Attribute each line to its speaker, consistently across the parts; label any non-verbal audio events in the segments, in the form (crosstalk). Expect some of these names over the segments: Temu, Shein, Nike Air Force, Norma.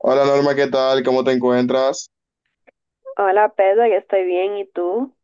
Speaker 1: Hola Norma, ¿qué tal? ¿Cómo te encuentras?
Speaker 2: Hola Pedro, yo estoy bien. ¿Y tú?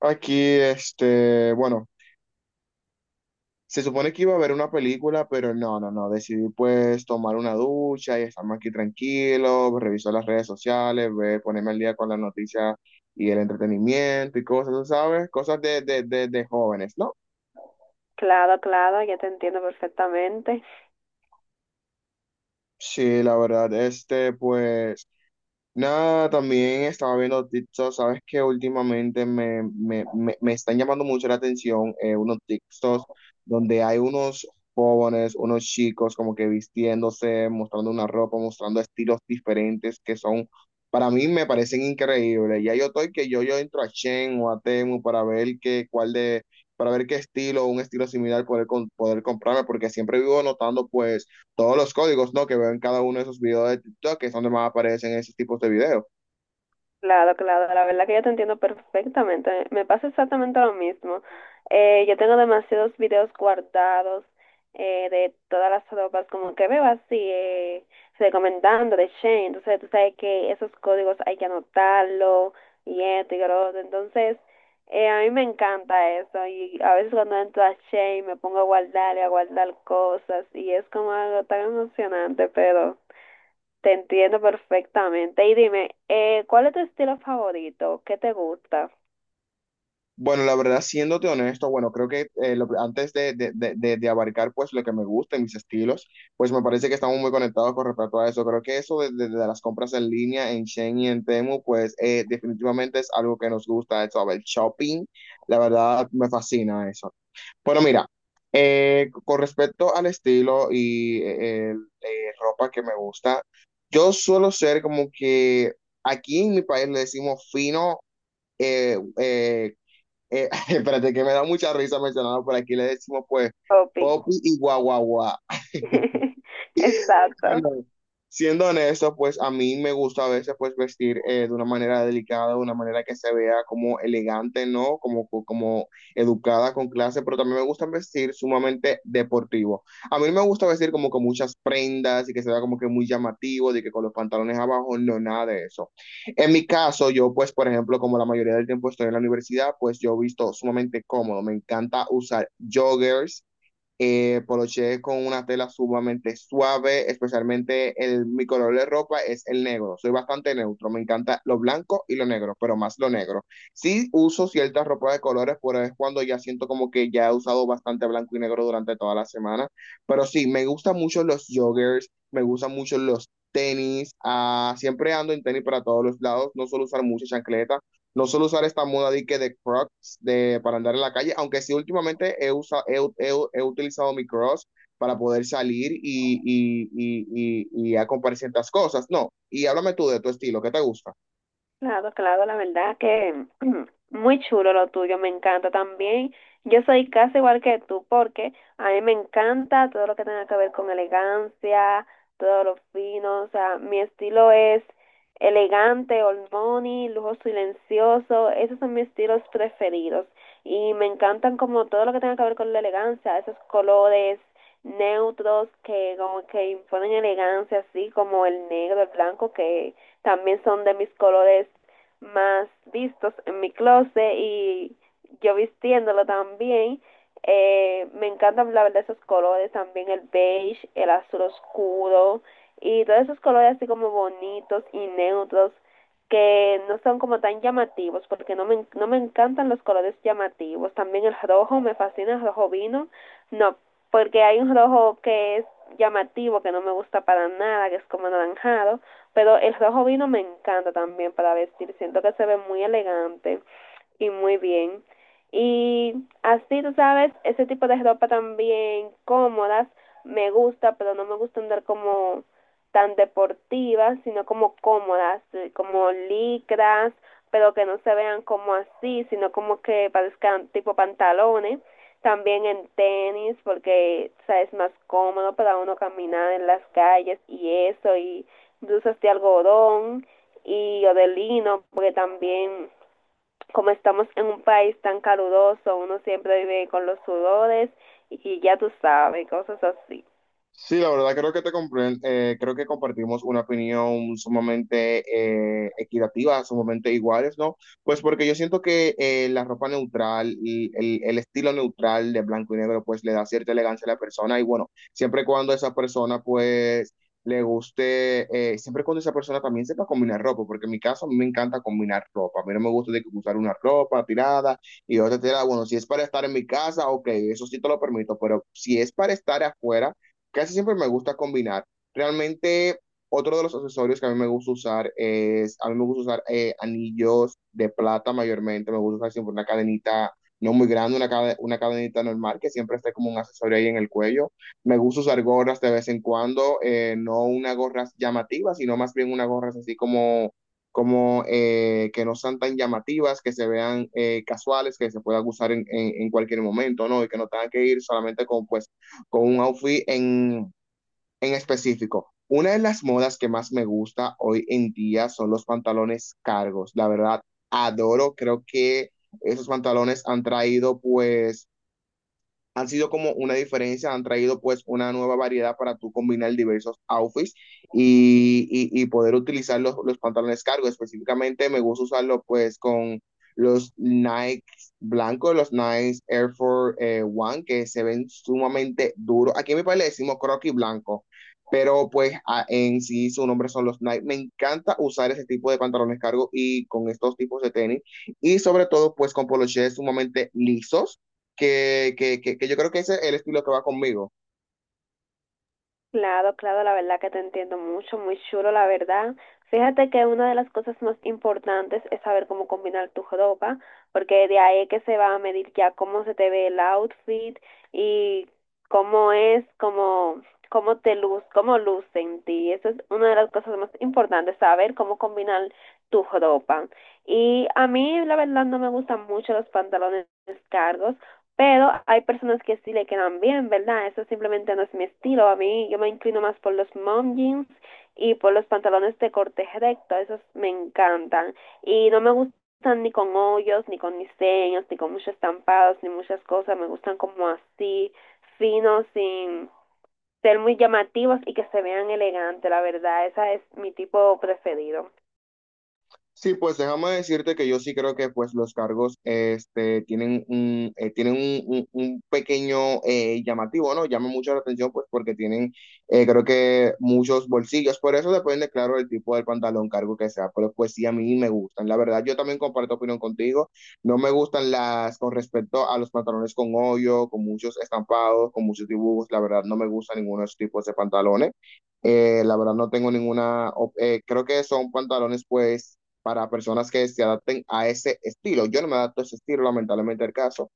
Speaker 1: Aquí, bueno, se supone que iba a ver una película, pero no, decidí pues tomar una ducha y estamos aquí tranquilos. Reviso las redes sociales, ver, ponerme al día con las noticias y el entretenimiento y cosas, ¿sabes? Cosas de jóvenes, ¿no?
Speaker 2: Claro, claro, ya te entiendo perfectamente.
Speaker 1: Sí, la verdad, pues... Nada, también estaba viendo TikTok. Sabes que últimamente me están llamando mucho la atención unos TikToks donde hay unos jóvenes, unos chicos como que vistiéndose, mostrando una ropa, mostrando estilos diferentes que son, para mí me parecen increíbles. Ya yo estoy que yo entro a Shein o a Temu para ver qué, para ver qué estilo, un estilo similar poder, poder comprarme, porque siempre vivo notando pues todos los códigos, ¿no? Que veo en cada uno de esos videos de TikTok, que es donde más aparecen esos tipos de videos.
Speaker 2: Claro, claro, la verdad que yo te entiendo perfectamente. Me pasa exactamente lo mismo. Yo tengo demasiados videos guardados, de todas las ropas, como que veo así, recomendando de Shane. Entonces, tú sabes que esos códigos hay que anotarlo y esto y lo otro. Entonces, a mí me encanta eso. Y a veces cuando entro a Shane me pongo a guardar y a guardar cosas y es como algo tan emocionante, pero... Te entiendo perfectamente. Y dime, ¿cuál es tu estilo favorito? ¿Qué te gusta,
Speaker 1: Bueno, la verdad, siéndote honesto, bueno, creo que antes de abarcar pues lo que me gusta y mis estilos, pues me parece que estamos muy conectados con respecto a eso. Creo que eso de las compras en línea en Shein y en Temu, pues definitivamente es algo que nos gusta, eso, el shopping, la verdad me fascina eso. Bueno, mira, con respecto al estilo y ropa que me gusta, yo suelo ser como que aquí en mi país le decimos fino, eh, eh, (laughs) espérate que me da mucha risa mencionarlo, por aquí le decimos pues
Speaker 2: Poppy?
Speaker 1: popi y guaguaguá.
Speaker 2: (laughs) Exacto.
Speaker 1: Bueno, siendo honesto, pues a mí me gusta a veces pues vestir de una manera delicada, de una manera que se vea como elegante, ¿no? Como, como educada, con clase, pero también me gusta vestir sumamente deportivo. A mí no me gusta vestir como con muchas prendas y que se vea como que muy llamativo, de que con los pantalones abajo, no, nada de eso. En mi caso, yo pues, por ejemplo, como la mayoría del tiempo estoy en la universidad, pues yo visto sumamente cómodo. Me encanta usar joggers, poloché con una tela sumamente suave, especialmente mi color de ropa es el negro. Soy bastante neutro, me encanta lo blanco y lo negro, pero más lo negro. Sí uso ciertas ropas de colores, pero es cuando ya siento como que ya he usado bastante blanco y negro durante toda la semana. Pero sí, me gustan mucho los joggers, me gustan mucho los tenis, ah, siempre ando en tenis para todos los lados, no suelo usar mucha chancleta, no suelo usar esta moda de que de croc, de, para andar en la calle, aunque sí últimamente he, usa, he, he, he utilizado mi cross para poder salir y a comprar ciertas cosas. No, y háblame tú de tu estilo, ¿qué te gusta?
Speaker 2: Claro, claro, la verdad que (clears throat) muy chulo lo tuyo, me encanta también. Yo soy casi igual que tú porque a mí me encanta todo lo que tenga que ver con elegancia, todo lo fino, o sea, mi estilo es elegante, old money, lujo silencioso, esos son mis estilos preferidos y me encantan como todo lo que tenga que ver con la elegancia, esos colores neutros que como que imponen elegancia, así como el negro, el blanco que también son de mis colores más vistos en mi closet y yo vistiéndolo también. Me encantan la verdad esos colores, también el beige, el azul oscuro y todos esos colores así como bonitos y neutros que no son como tan llamativos porque no me encantan los colores llamativos. También el rojo, me fascina el rojo vino, no, porque hay un rojo que es llamativo, que no me gusta para nada, que es como anaranjado, pero el rojo vino me encanta también para vestir. Siento que se ve muy elegante y muy bien. Y así, tú sabes, ese tipo de ropa también cómodas me gusta, pero no me gusta andar como tan deportivas, sino como cómodas, como licras, pero que no se vean como así, sino como que parezcan tipo pantalones. También en tenis, porque o sea, es más cómodo para uno caminar en las calles y eso, y dulces de algodón y o de lino, porque también como estamos en un país tan caluroso, uno siempre vive con los sudores y ya tú sabes, cosas así.
Speaker 1: Sí, la verdad creo que creo que compartimos una opinión sumamente equitativa, sumamente iguales, ¿no? Pues porque yo siento que la ropa neutral y el estilo neutral de blanco y negro pues le da cierta elegancia a la persona y bueno, siempre y cuando esa persona pues le guste, siempre y cuando esa persona también sepa combinar ropa, porque en mi caso a mí me encanta combinar ropa, a mí no me gusta de que usar una ropa tirada y otra tirada, bueno, si es para estar en mi casa, ok, eso sí te lo permito, pero si es para estar afuera, casi siempre me gusta combinar. Realmente, otro de los accesorios que a mí me gusta usar es, a mí me gusta usar anillos de plata mayormente, me gusta usar siempre una cadenita no muy grande, una cadenita normal que siempre esté como un accesorio ahí en el cuello. Me gusta usar gorras de vez en cuando, no una gorras llamativas, sino más bien unas gorras así como, como que no sean tan llamativas, que se vean casuales, que se puedan usar en cualquier momento, ¿no? Y que no tengan que ir solamente con pues con un outfit en específico. Una de las modas que más me gusta hoy en día son los pantalones cargos. La verdad, adoro, creo que esos pantalones han traído pues han sido como una diferencia, han traído pues una nueva variedad para tú combinar diversos outfits y poder utilizar los pantalones cargo. Específicamente me gusta usarlo pues con los Nike blancos, los Nike Air Force One, que se ven sumamente duros. Aquí en mi país le decimos croquis blanco, pero pues en sí su nombre son los Nike. Me encanta usar ese tipo de pantalones cargo y con estos tipos de tenis y sobre todo pues con polochés sumamente lisos que yo creo que ese es el estilo que va conmigo.
Speaker 2: Claro, claro, la verdad que te entiendo mucho, muy chulo, la verdad. Fíjate que una de las cosas más importantes es saber cómo combinar tu ropa, porque de ahí es que se va a medir ya cómo se te ve el outfit y cómo es, cómo, cómo te luz, cómo luce en ti. Eso es una de las cosas más importantes, saber cómo combinar tu ropa. Y a mí, la verdad, no me gustan mucho los pantalones cargos. Pero hay personas que sí le quedan bien, ¿verdad? Eso simplemente no es mi estilo. A mí yo me inclino más por los mom jeans y por los pantalones de corte recto. Esos me encantan. Y no me gustan ni con hoyos, ni con diseños, ni con muchos estampados, ni muchas cosas. Me gustan como así, finos, sin ser muy llamativos y que se vean elegantes. La verdad, ese es mi tipo preferido.
Speaker 1: Sí, pues déjame decirte que yo sí creo que pues los cargos este, tienen un, tienen un pequeño llamativo, ¿no? Llama mucho la atención pues porque tienen creo que muchos bolsillos, por eso depende, claro, el tipo del pantalón cargo que sea, pero pues sí a mí me gustan. La verdad, yo también comparto opinión contigo, no me gustan las con respecto a los pantalones con hoyo, con muchos estampados, con muchos dibujos, la verdad no me gustan ninguno de esos tipos de pantalones. La verdad no tengo ninguna, creo que son pantalones pues para personas que se adapten a ese estilo. Yo no me adapto a ese estilo, lamentablemente el caso.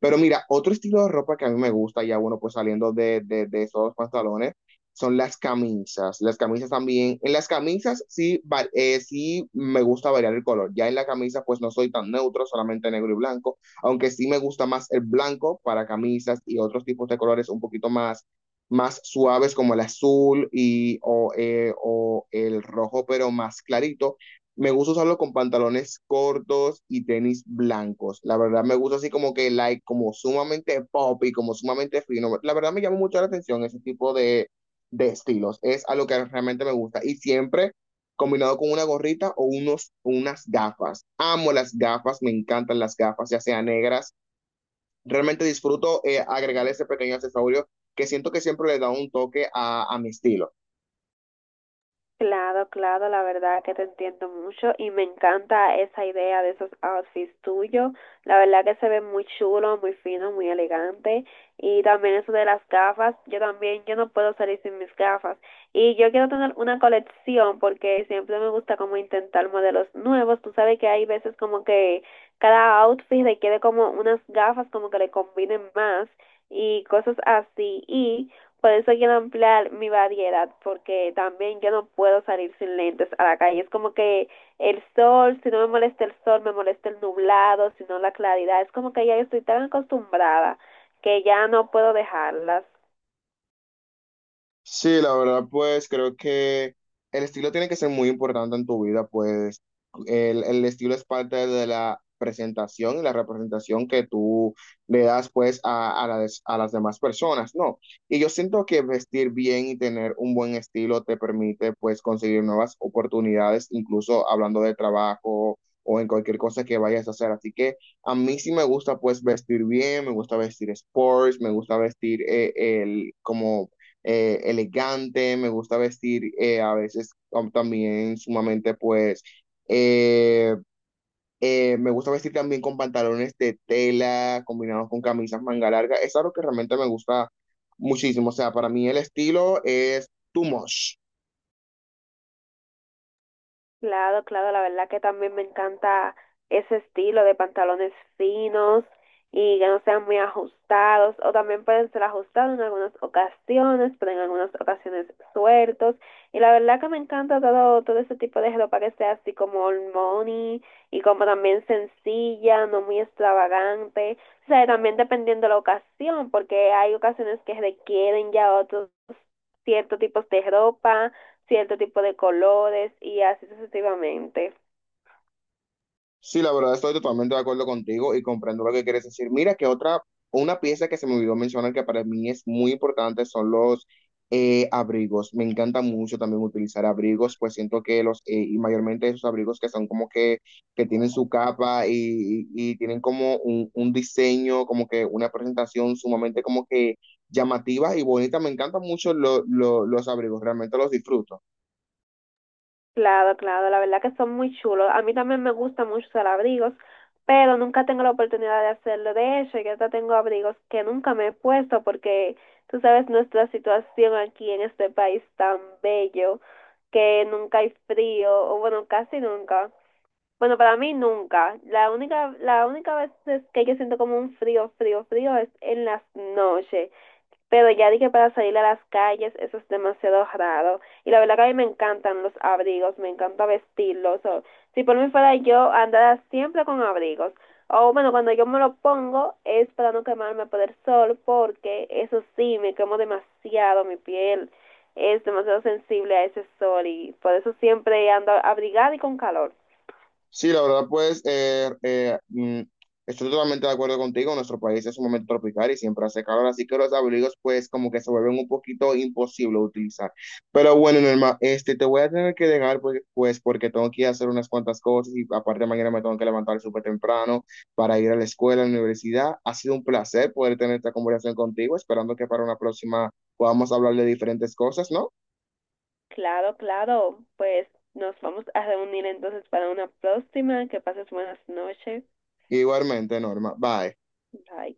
Speaker 1: Pero mira, otro estilo de ropa que a mí me gusta, ya bueno, pues saliendo de esos pantalones, son las camisas. Las camisas también, en las camisas sí, sí me gusta variar el color. Ya en la camisa pues no soy tan neutro, solamente negro y blanco, aunque sí me gusta más el blanco para camisas y otros tipos de colores un poquito más, más suaves como el azul o el rojo, pero más clarito me gusta usarlo con pantalones cortos y tenis blancos. La verdad me gusta así como que like, como sumamente pop y como sumamente fino. La verdad me llama mucho la atención ese tipo de estilos. Es algo que realmente me gusta. Y siempre combinado con una gorrita o unas gafas. Amo las gafas, me encantan las gafas, ya sean negras. Realmente disfruto agregar ese pequeño accesorio que siento que siempre le da un toque a mi estilo.
Speaker 2: Claro, claro, la verdad que te entiendo mucho y me encanta esa idea de esos outfits tuyos. La verdad que se ve muy chulo, muy fino, muy elegante. Y también eso de las gafas, yo también, yo no puedo salir sin mis gafas. Y yo quiero tener una colección porque siempre me gusta como intentar modelos nuevos. Tú sabes que hay veces como que cada outfit requiere como unas gafas como que le combinen más y cosas así. Y por eso quiero ampliar mi variedad, porque también yo no puedo salir sin lentes a la calle. Es como que el sol, si no me molesta el sol, me molesta el nublado, si no la claridad. Es como que ya yo estoy tan acostumbrada que ya no puedo dejarlas.
Speaker 1: Sí, la verdad, pues creo que el estilo tiene que ser muy importante en tu vida, pues el estilo es parte de la presentación y la representación que tú le das pues a, a las demás personas, ¿no? Y yo siento que vestir bien y tener un buen estilo te permite pues conseguir nuevas oportunidades, incluso hablando de trabajo o en cualquier cosa que vayas a hacer. Así que a mí sí me gusta pues vestir bien, me gusta vestir sports, me gusta vestir el como elegante, me gusta vestir a veces también sumamente pues... eh, me gusta vestir también con pantalones de tela combinados con camisas manga larga. Es algo que realmente me gusta muchísimo. O sea, para mí el estilo es too much.
Speaker 2: Claro, claro, la verdad que también me encanta ese estilo de pantalones finos y que no sean muy ajustados, o también pueden ser ajustados en algunas ocasiones, pero en algunas ocasiones sueltos. Y la verdad que me encanta todo, todo ese tipo de ropa que sea así como old money y como también sencilla, no muy extravagante. O sea, también dependiendo de la ocasión, porque hay ocasiones que requieren ya otros ciertos tipos de ropa, cierto tipo de colores y así sucesivamente.
Speaker 1: Sí, la verdad estoy totalmente de acuerdo contigo y comprendo lo que quieres decir. Mira que otra, una pieza que se me olvidó mencionar que para mí es muy importante son los abrigos. Me encanta mucho también utilizar abrigos, pues siento que los, y mayormente esos abrigos que son como que tienen su capa y tienen como un diseño, como que una presentación sumamente como que llamativa y bonita. Me encantan mucho los abrigos, realmente los disfruto.
Speaker 2: Claro, claro, la verdad que son muy chulos. A mí también me gustan mucho los abrigos, pero nunca tengo la oportunidad de hacerlo. De hecho, yo hasta tengo abrigos que nunca me he puesto porque tú sabes nuestra situación aquí en este país tan bello que nunca hay frío, o bueno, casi nunca. Bueno, para mí nunca. La única vez es que yo siento como un frío, frío, frío es en las noches. Pero ya dije para salir a las calles, eso es demasiado raro. Y la verdad que a mí me encantan los abrigos, me encanta vestirlos. Si por mí fuera yo, andara siempre con abrigos. O bueno, cuando yo me lo pongo es para no quemarme por el sol, porque eso sí, me quemo demasiado mi piel. Es demasiado sensible a ese sol y por eso siempre ando abrigada y con calor.
Speaker 1: Sí, la verdad, pues estoy totalmente de acuerdo contigo. Nuestro país es un momento tropical y siempre hace calor, así que los abrigos, pues, como que se vuelven un poquito imposible de utilizar. Pero bueno, Norma, te voy a tener que dejar, pues, porque tengo que ir a hacer unas cuantas cosas y aparte mañana me tengo que levantar súper temprano para ir a la escuela, a la universidad. Ha sido un placer poder tener esta conversación contigo, esperando que para una próxima podamos hablar de diferentes cosas, ¿no?
Speaker 2: Claro, claro, pues nos vamos a reunir entonces para una próxima. Que pases buenas noches.
Speaker 1: Igualmente, Norma. Bye.
Speaker 2: Bye.